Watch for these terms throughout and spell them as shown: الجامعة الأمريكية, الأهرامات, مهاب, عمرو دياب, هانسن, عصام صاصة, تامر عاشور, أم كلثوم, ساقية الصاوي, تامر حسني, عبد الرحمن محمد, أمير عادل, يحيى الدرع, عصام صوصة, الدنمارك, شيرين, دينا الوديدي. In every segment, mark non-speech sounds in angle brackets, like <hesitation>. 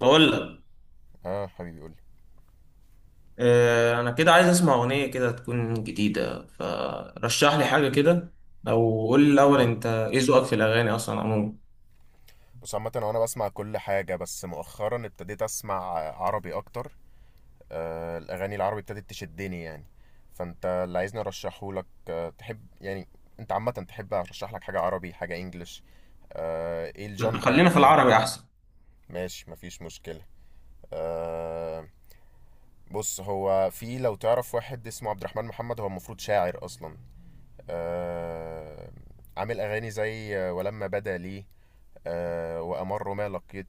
بقول لك. اه حبيبي قولي. انا كده عايز اسمع اغنيه كده تكون جديده، فرشح لي حاجه كده، او قول لي الاول مم. انت ايه ذوقك في الاغاني اصلا عموما؟ بص، عامة هو انا بسمع كل حاجة، بس مؤخرا ابتديت اسمع عربي اكتر. الاغاني العربي ابتدت تشدني يعني. فانت اللي عايزني ارشحه لك، تحب يعني انت عامة تحب ارشح لك حاجة عربي، حاجة انجلش؟ ايه لا، الجنرا خلينا في اللي انت العربي تحبها؟ احسن. ماشي، مفيش مشكلة. آه بص، هو في، لو تعرف، واحد اسمه عبد الرحمن محمد. هو المفروض شاعر اصلا، آه عامل اغاني زي ولما بدا لي، وأمر ما لقيت.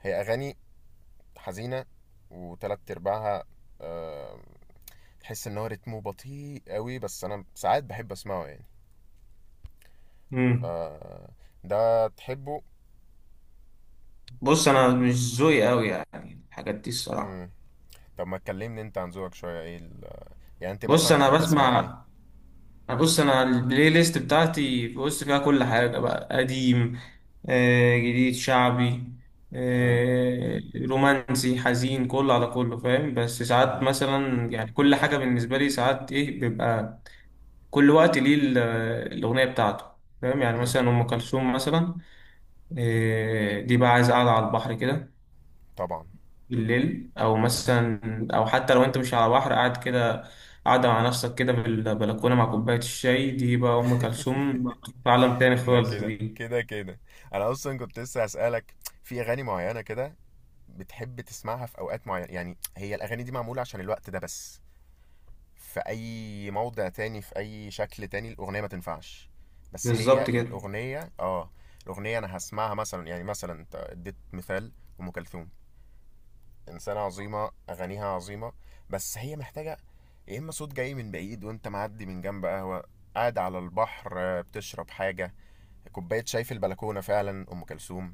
هي أغاني حزينة، وتلات أرباعها، آه، تحس إن هو رتمه بطيء قوي، بس أنا ساعات بحب أسمعه يعني. ف امم ده تحبه؟ بص، انا مش ذوقي قوي يعني الحاجات دي الصراحه. مم. طب ما تكلمني أنت عن ذوقك شوية. يعني أنت بص، مثلا انا بتحب تسمع إيه؟ بسمع، يعني بص، انا البلاي ليست بتاعتي، بص فيها كل حاجه: بقى قديم، جديد، شعبي، مم. رومانسي، حزين، كله على كله فاهم. بس ساعات مم. مثلا، يعني، كل حاجه بالنسبه لي ساعات ايه بيبقى كل وقت ليه الاغنيه بتاعته فاهم. يعني مم. مثلا ام كلثوم مثلا، دي بقى عايز قاعده على البحر كده طبعا. بالليل، او مثلا، او حتى لو انت مش على بحر قاعد كده، قاعدة مع نفسك كده في البلكونة مع كوباية الشاي، دي بقى أم كلثوم، في عالم تاني ده خالص كده دي. كده كده أنا أصلا كنت لسه هسألك، في أغاني معينة كده بتحب تسمعها في أوقات معينة؟ يعني هي الأغاني دي معمولة عشان الوقت ده بس، في اي موضع تاني في اي شكل تاني الاغنيه ما تنفعش. بس بالظبط هي كده. الاغنيه، اه الاغنيه، انا هسمعها مثلا. يعني مثلا انت اديت مثال ام كلثوم، انسانه عظيمه، اغانيها عظيمه، بس هي محتاجه يا اما صوت جاي من بعيد وانت معدي من جنب قهوه، قاعد على البحر، بتشرب حاجه، كوبايه شاي في البلكونه. فعلا ام كلثوم.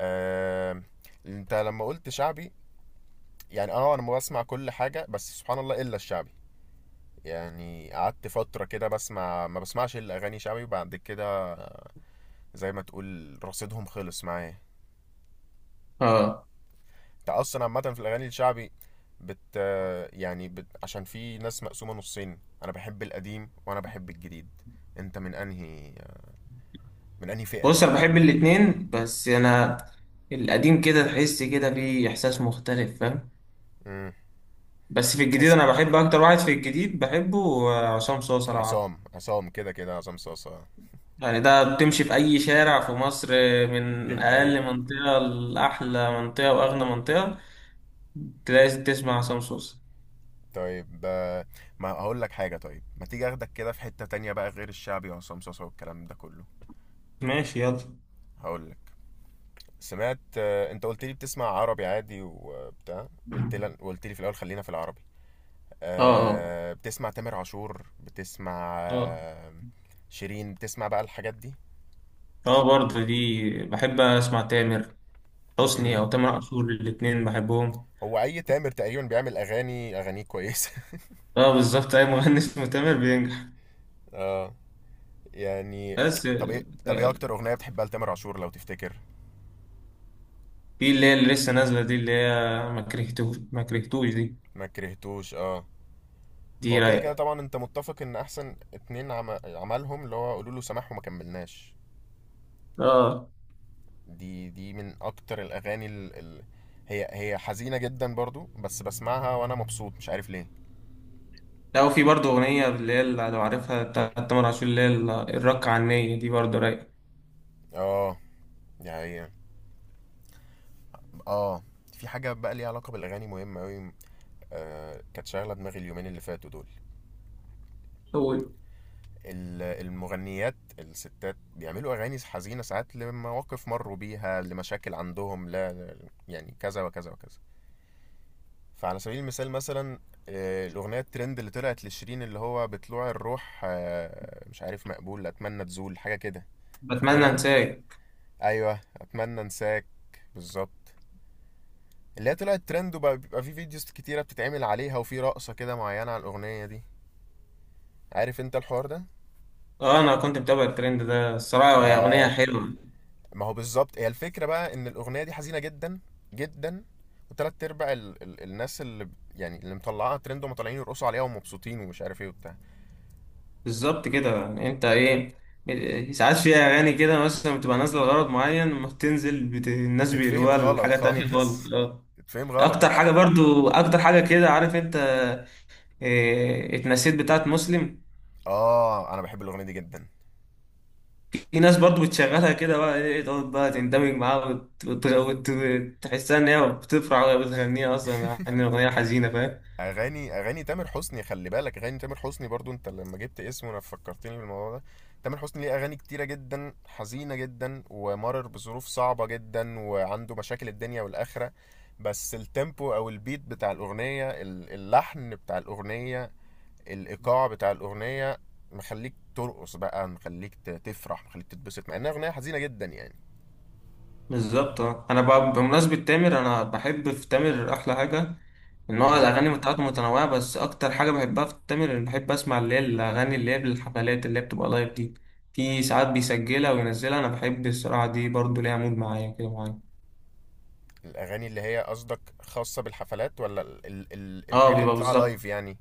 آه، انت لما قلت شعبي، يعني انا بسمع كل حاجه بس سبحان الله الا الشعبي. يعني قعدت فترة كده بسمع، ما بسمعش إلا أغاني شعبي، وبعد كده زي ما تقول رصيدهم خلص معايا. اه، أنت أصلا عامة في الأغاني الشعبي، بت عشان في ناس مقسومة نصين، أنا بحب القديم وأنا بحب الجديد. أنت من أنهي فئة؟ بص أنا بحب الاتنين، بس أنا القديم كده تحس كده فيه إحساس مختلف فاهم. امم بس في الجديد، تحس أنا بحب أكتر واحد في الجديد بحبه، عصام صوصة لو عارفه. عصام، عصام كده كده عصام صاصة. يعني ده بتمشي في أي شارع في مصر، دي من أقل حقيقة. منطقة لأحلى منطقة وأغنى منطقة لازم تسمع عصام صوصة. طيب، ما هقول لك حاجة. طيب ما تيجي اخدك كده في حتة تانية بقى غير الشعبي وعصام صاصة والكلام ده كله؟ ماشي، يلا. هقول لك. سمعت، انت قلت لي بتسمع عربي عادي وبتاع، قلت لي في الاول خلينا في العربي. اه، اه، بتسمع تامر عاشور؟ بتسمع، اه، شيرين؟ بتسمع بقى الحاجات دي؟ اه، برضه دي بحب اسمع تامر حسني مم. او تامر عاشور، الاتنين بحبهم. هو اي تامر تقريبا بيعمل اغاني، اغانيه كويسه. <laughs> اه، بالظبط، اي مغني اسمه تامر بينجح. اه يعني بس طب ايه، طب ايه آه، اكتر اغنيه بتحبها لتامر عاشور لو تفتكر؟ في اللي هي، اللي لسه نازله دي، اللي هي ما كرهتوش، ما كرهتوش دي، ما كرهتوش، اه. دي هو كده كده رايقه. طبعا انت متفق ان احسن اتنين عملهم اللي هو قولوا له سماح وما كملناش. اه، دي من اكتر الاغاني. هي حزينه جدا برضو، بس بسمعها وانا مبسوط، مش عارف ليه. لا، وفي برضه اغنيه اللي هي، اللي لو عارفها، بتاعت تامر عاشور، اللي هي الرق عنية دي برضه رايقه. اه، دي حقيقة. اه، في حاجه بقى ليها علاقه بالاغاني مهمه قوي، كانت شاغله دماغي اليومين اللي فاتوا دول. أوي. المغنيات الستات بيعملوا اغاني حزينه ساعات، لمواقف مروا بيها، لمشاكل عندهم، لا يعني كذا وكذا وكذا. فعلى سبيل المثال مثلا، الأغنية الترند اللي طلعت لشيرين اللي هو بطلوع الروح، مش عارف مقبول أتمنى تزول حاجة كده. بتمنى فاكرها؟ انساك. أيوه، أتمنى أنساك، بالظبط. اللي هي طلعت ترند، وبقى بيبقى في فيديوز كتيرة بتتعمل عليها، وفي رقصة كده معينة على الأغنية دي. عارف أنت الحوار ده؟ اه، انا كنت متابع الترند ده الصراحه، هي اغنيه ده ك- حلوه. ما هو بالظبط، هي الفكرة بقى إن الأغنية دي حزينة جدا جدا، وتلات أرباع الناس اللي مطلعاها ترند ومطلعين يرقصوا عليها ومبسوطين ومش عارف إيه وبتاع، بالظبط كده، يعني انت ايه، ساعات في اغاني كده مثلا بتبقى نازله لغرض معين، لما بتنزل الناس تتفهم بيقلبوها غلط لحاجه تانية خالص. خالص. اه، <laughs> تتفهم غلط. اكتر حاجه برضو، اكتر حاجه كده عارف انت إيه؟ اتنسيت بتاعت مسلم. اه، انا بحب الاغنيه دي جدا. في ناس برضو بتشغلها كده بقى، ايه، تقعد بقى تندمج معاها تحسها ان هي بتفرح وهي بتغنيها اصلا، مع ان الاغنيه حزينه فاهم. اغاني تامر حسني، خلي بالك اغاني تامر حسني برضو، انت لما جبت اسمه انا فكرتني بالموضوع ده. تامر حسني ليه اغاني كتيره جدا، حزينه جدا، ومرر بظروف صعبه جدا، وعنده مشاكل الدنيا والاخره، بس التيمبو او البيت بتاع الاغنيه، اللحن بتاع الاغنيه، الايقاع بتاع الاغنيه، مخليك ترقص بقى، مخليك تفرح، مخليك تتبسط، مع انها اغنيه حزينه جدا يعني. بالظبط اه. انا بقى بمناسبه تامر، انا بحب في تامر احلى حاجه، نوع مم. الأغاني بتاعته متنوعة، بس أكتر حاجة بحبها في تامر إن بحب أسمع اللي هي الأغاني اللي هي بالحفلات، اللي هي بتبقى لايف دي. في ساعات بيسجلها وينزلها، أنا بحب الصراحة دي برضو، ليها مود معايا كده، معايا. الاغاني اللي هي قصدك خاصه بالحفلات، ولا ال ال ال اه، الحاجات اللي بيبقى بيطلعها لايف بالظبط، يعني؟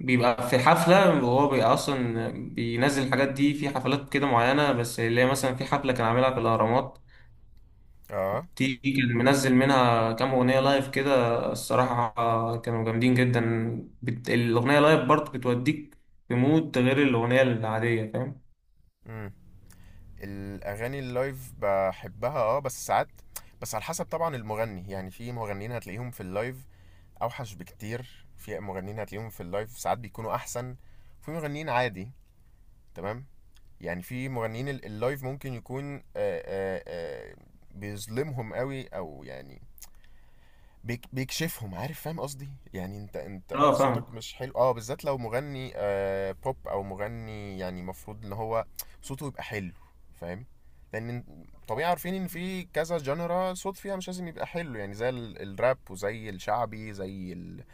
بيبقى في حفلة، وهو بيبقى أصلا بينزل الحاجات دي في حفلات كده معينة، بس اللي هي مثلا في حفلة كان عاملها في الأهرامات، اه. دي كان منزل منها كام أغنية لايف كده، الصراحة كانوا جامدين جدا. الأغنية لايف برضو بتوديك في مود غير الأغنية العادية فاهم. امم الاغاني اللايف بحبها اه، بس ساعات، بس على حسب طبعا المغني. يعني في مغنيين هتلاقيهم في اللايف اوحش بكتير، في مغنيين هتلاقيهم في اللايف ساعات بيكونوا احسن، في مغنيين عادي، تمام. يعني في مغنيين اللايف ممكن يكون، بيظلمهم قوي او يعني بيكشفهم، عارف، فاهم قصدي يعني. انت، اه، صوتك فاهم. مش حلو اه، بالذات لو مغني بوب، او مغني يعني المفروض ان هو صوته يبقى حلو، فاهم؟ لان طبيعي عارفين ان في كذا جنرا صوت فيها مش لازم يبقى حلو، يعني زي الراب، وزي الشعبي، زي ال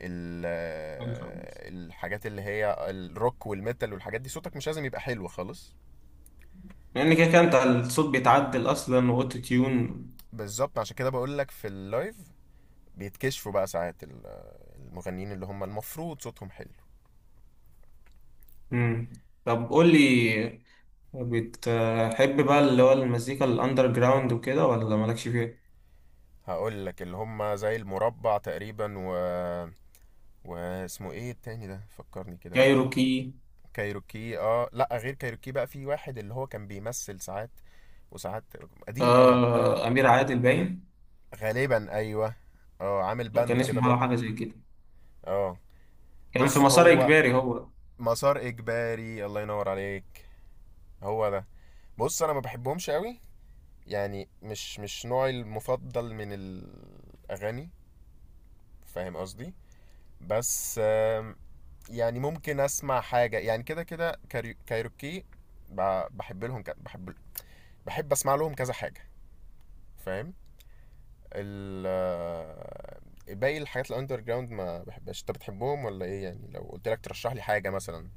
ال آه، الحاجات اللي هي الروك والميتال والحاجات دي صوتك مش لازم يبقى حلو خالص. لان كده كده انت الصوت بيتعدل اصلا واوتو تيون. بالظبط، عشان كده بقول لك في اللايف بيتكشفوا بقى ساعات المغنيين اللي هم المفروض صوتهم حلو. امم طب قول لي، بتحب بقى اللي هو المزيكا الاندر جراوند وكده، ولا مالكش فيها؟ هقول لك اللي هم زي المربع تقريبا، و واسمه ايه التاني ده، فكرني كده. كايروكي. كايروكي؟ اه لا، غير كايروكي بقى، في واحد اللي هو كان بيمثل ساعات، وساعات. قديم قوي. آه، امير عادل باين. غالبا ايوه. اه، عامل هو كان بند كده اسمه ولا برضو. حاجه زي كده، اه، كان في بص مسار هو اجباري هو. مسار اجباري، الله ينور عليك، هو ده. بص انا ما بحبهمش قوي، يعني مش، مش نوعي المفضل من الاغاني، فاهم قصدي. بس، يعني ممكن اسمع حاجه يعني كده كده. كايروكي، بحب بحب اسمع لهم كذا حاجه، فاهم. ال <hesitation> باقي الحاجات الاندر جراوند ما بحبهاش. انت بتحبهم ولا ايه يعني، لو قلت لك ترشح لي حاجه مثلا؟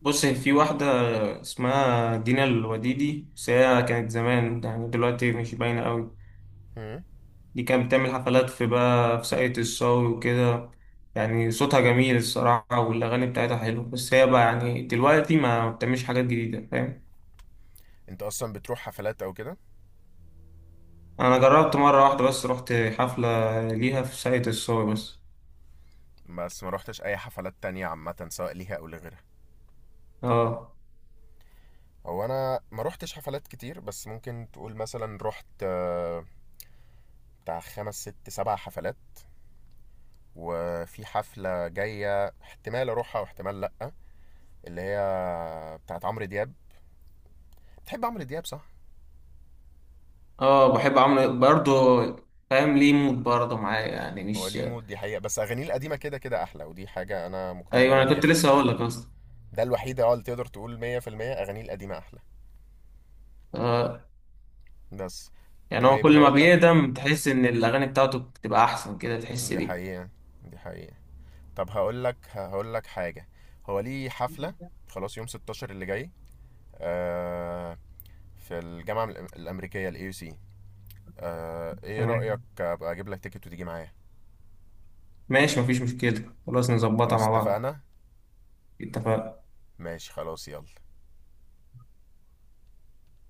بص في واحده اسمها دينا الوديدي، بس هي كانت زمان، يعني دلوقتي مش باينه قوي. هم؟ دي كانت بتعمل حفلات في بقى في ساقية الصاوي وكده، يعني صوتها جميل الصراحة، والأغاني بتاعتها حلوة، بس هي بقى يعني دلوقتي ما بتعملش حاجات جديدة فاهم. انت اصلا بتروح حفلات او كده؟ أنا جربت مرة واحدة بس، رحت حفلة ليها في ساقية الصاوي بس. بس ما روحتش اي حفلات تانية عامه، سواء ليها او لغيرها؟ اه، هو انا ما روحتش حفلات كتير، بس ممكن تقول مثلا رحت، بتاع خمس ست سبع حفلات، وفي حفلة جاية احتمال أروحها واحتمال لأ، اللي هي بتاعت عمرو دياب. بتحب عمرو دياب صح؟ اه، بحب عمرو برضه، فاهم ليه مود برضه معايا، يعني هو مش... ليه مود دي حقيقة، بس أغانيه القديمة كده كده أحلى، ودي حاجة أنا مقتنع أيوة، بيها أنا كنت لسه 100%. هقول لك أصلا. ده الوحيدة اه اللي تقدر تقول 100% أغانيه القديمة أحلى. آه، بس يعني هو طيب كل ما هقول لك، بيقدم تحس إن الأغاني بتاعته بتبقى أحسن كده، تحس دي بيه. حقيقة، دي حقيقة. طب هقول لك حاجة، هو ليه حفلة خلاص يوم 16 اللي جاي، آه، في الجامعة الأمريكية، AUC. آه، ايه رأيك تمام، ابقى اجيب لك تيكت وتيجي معايا؟ ماشي، مفيش مشكلة، خلاص نظبطها خلاص مع بعض. اتفقنا. اتفق. ماشي خلاص، يلا.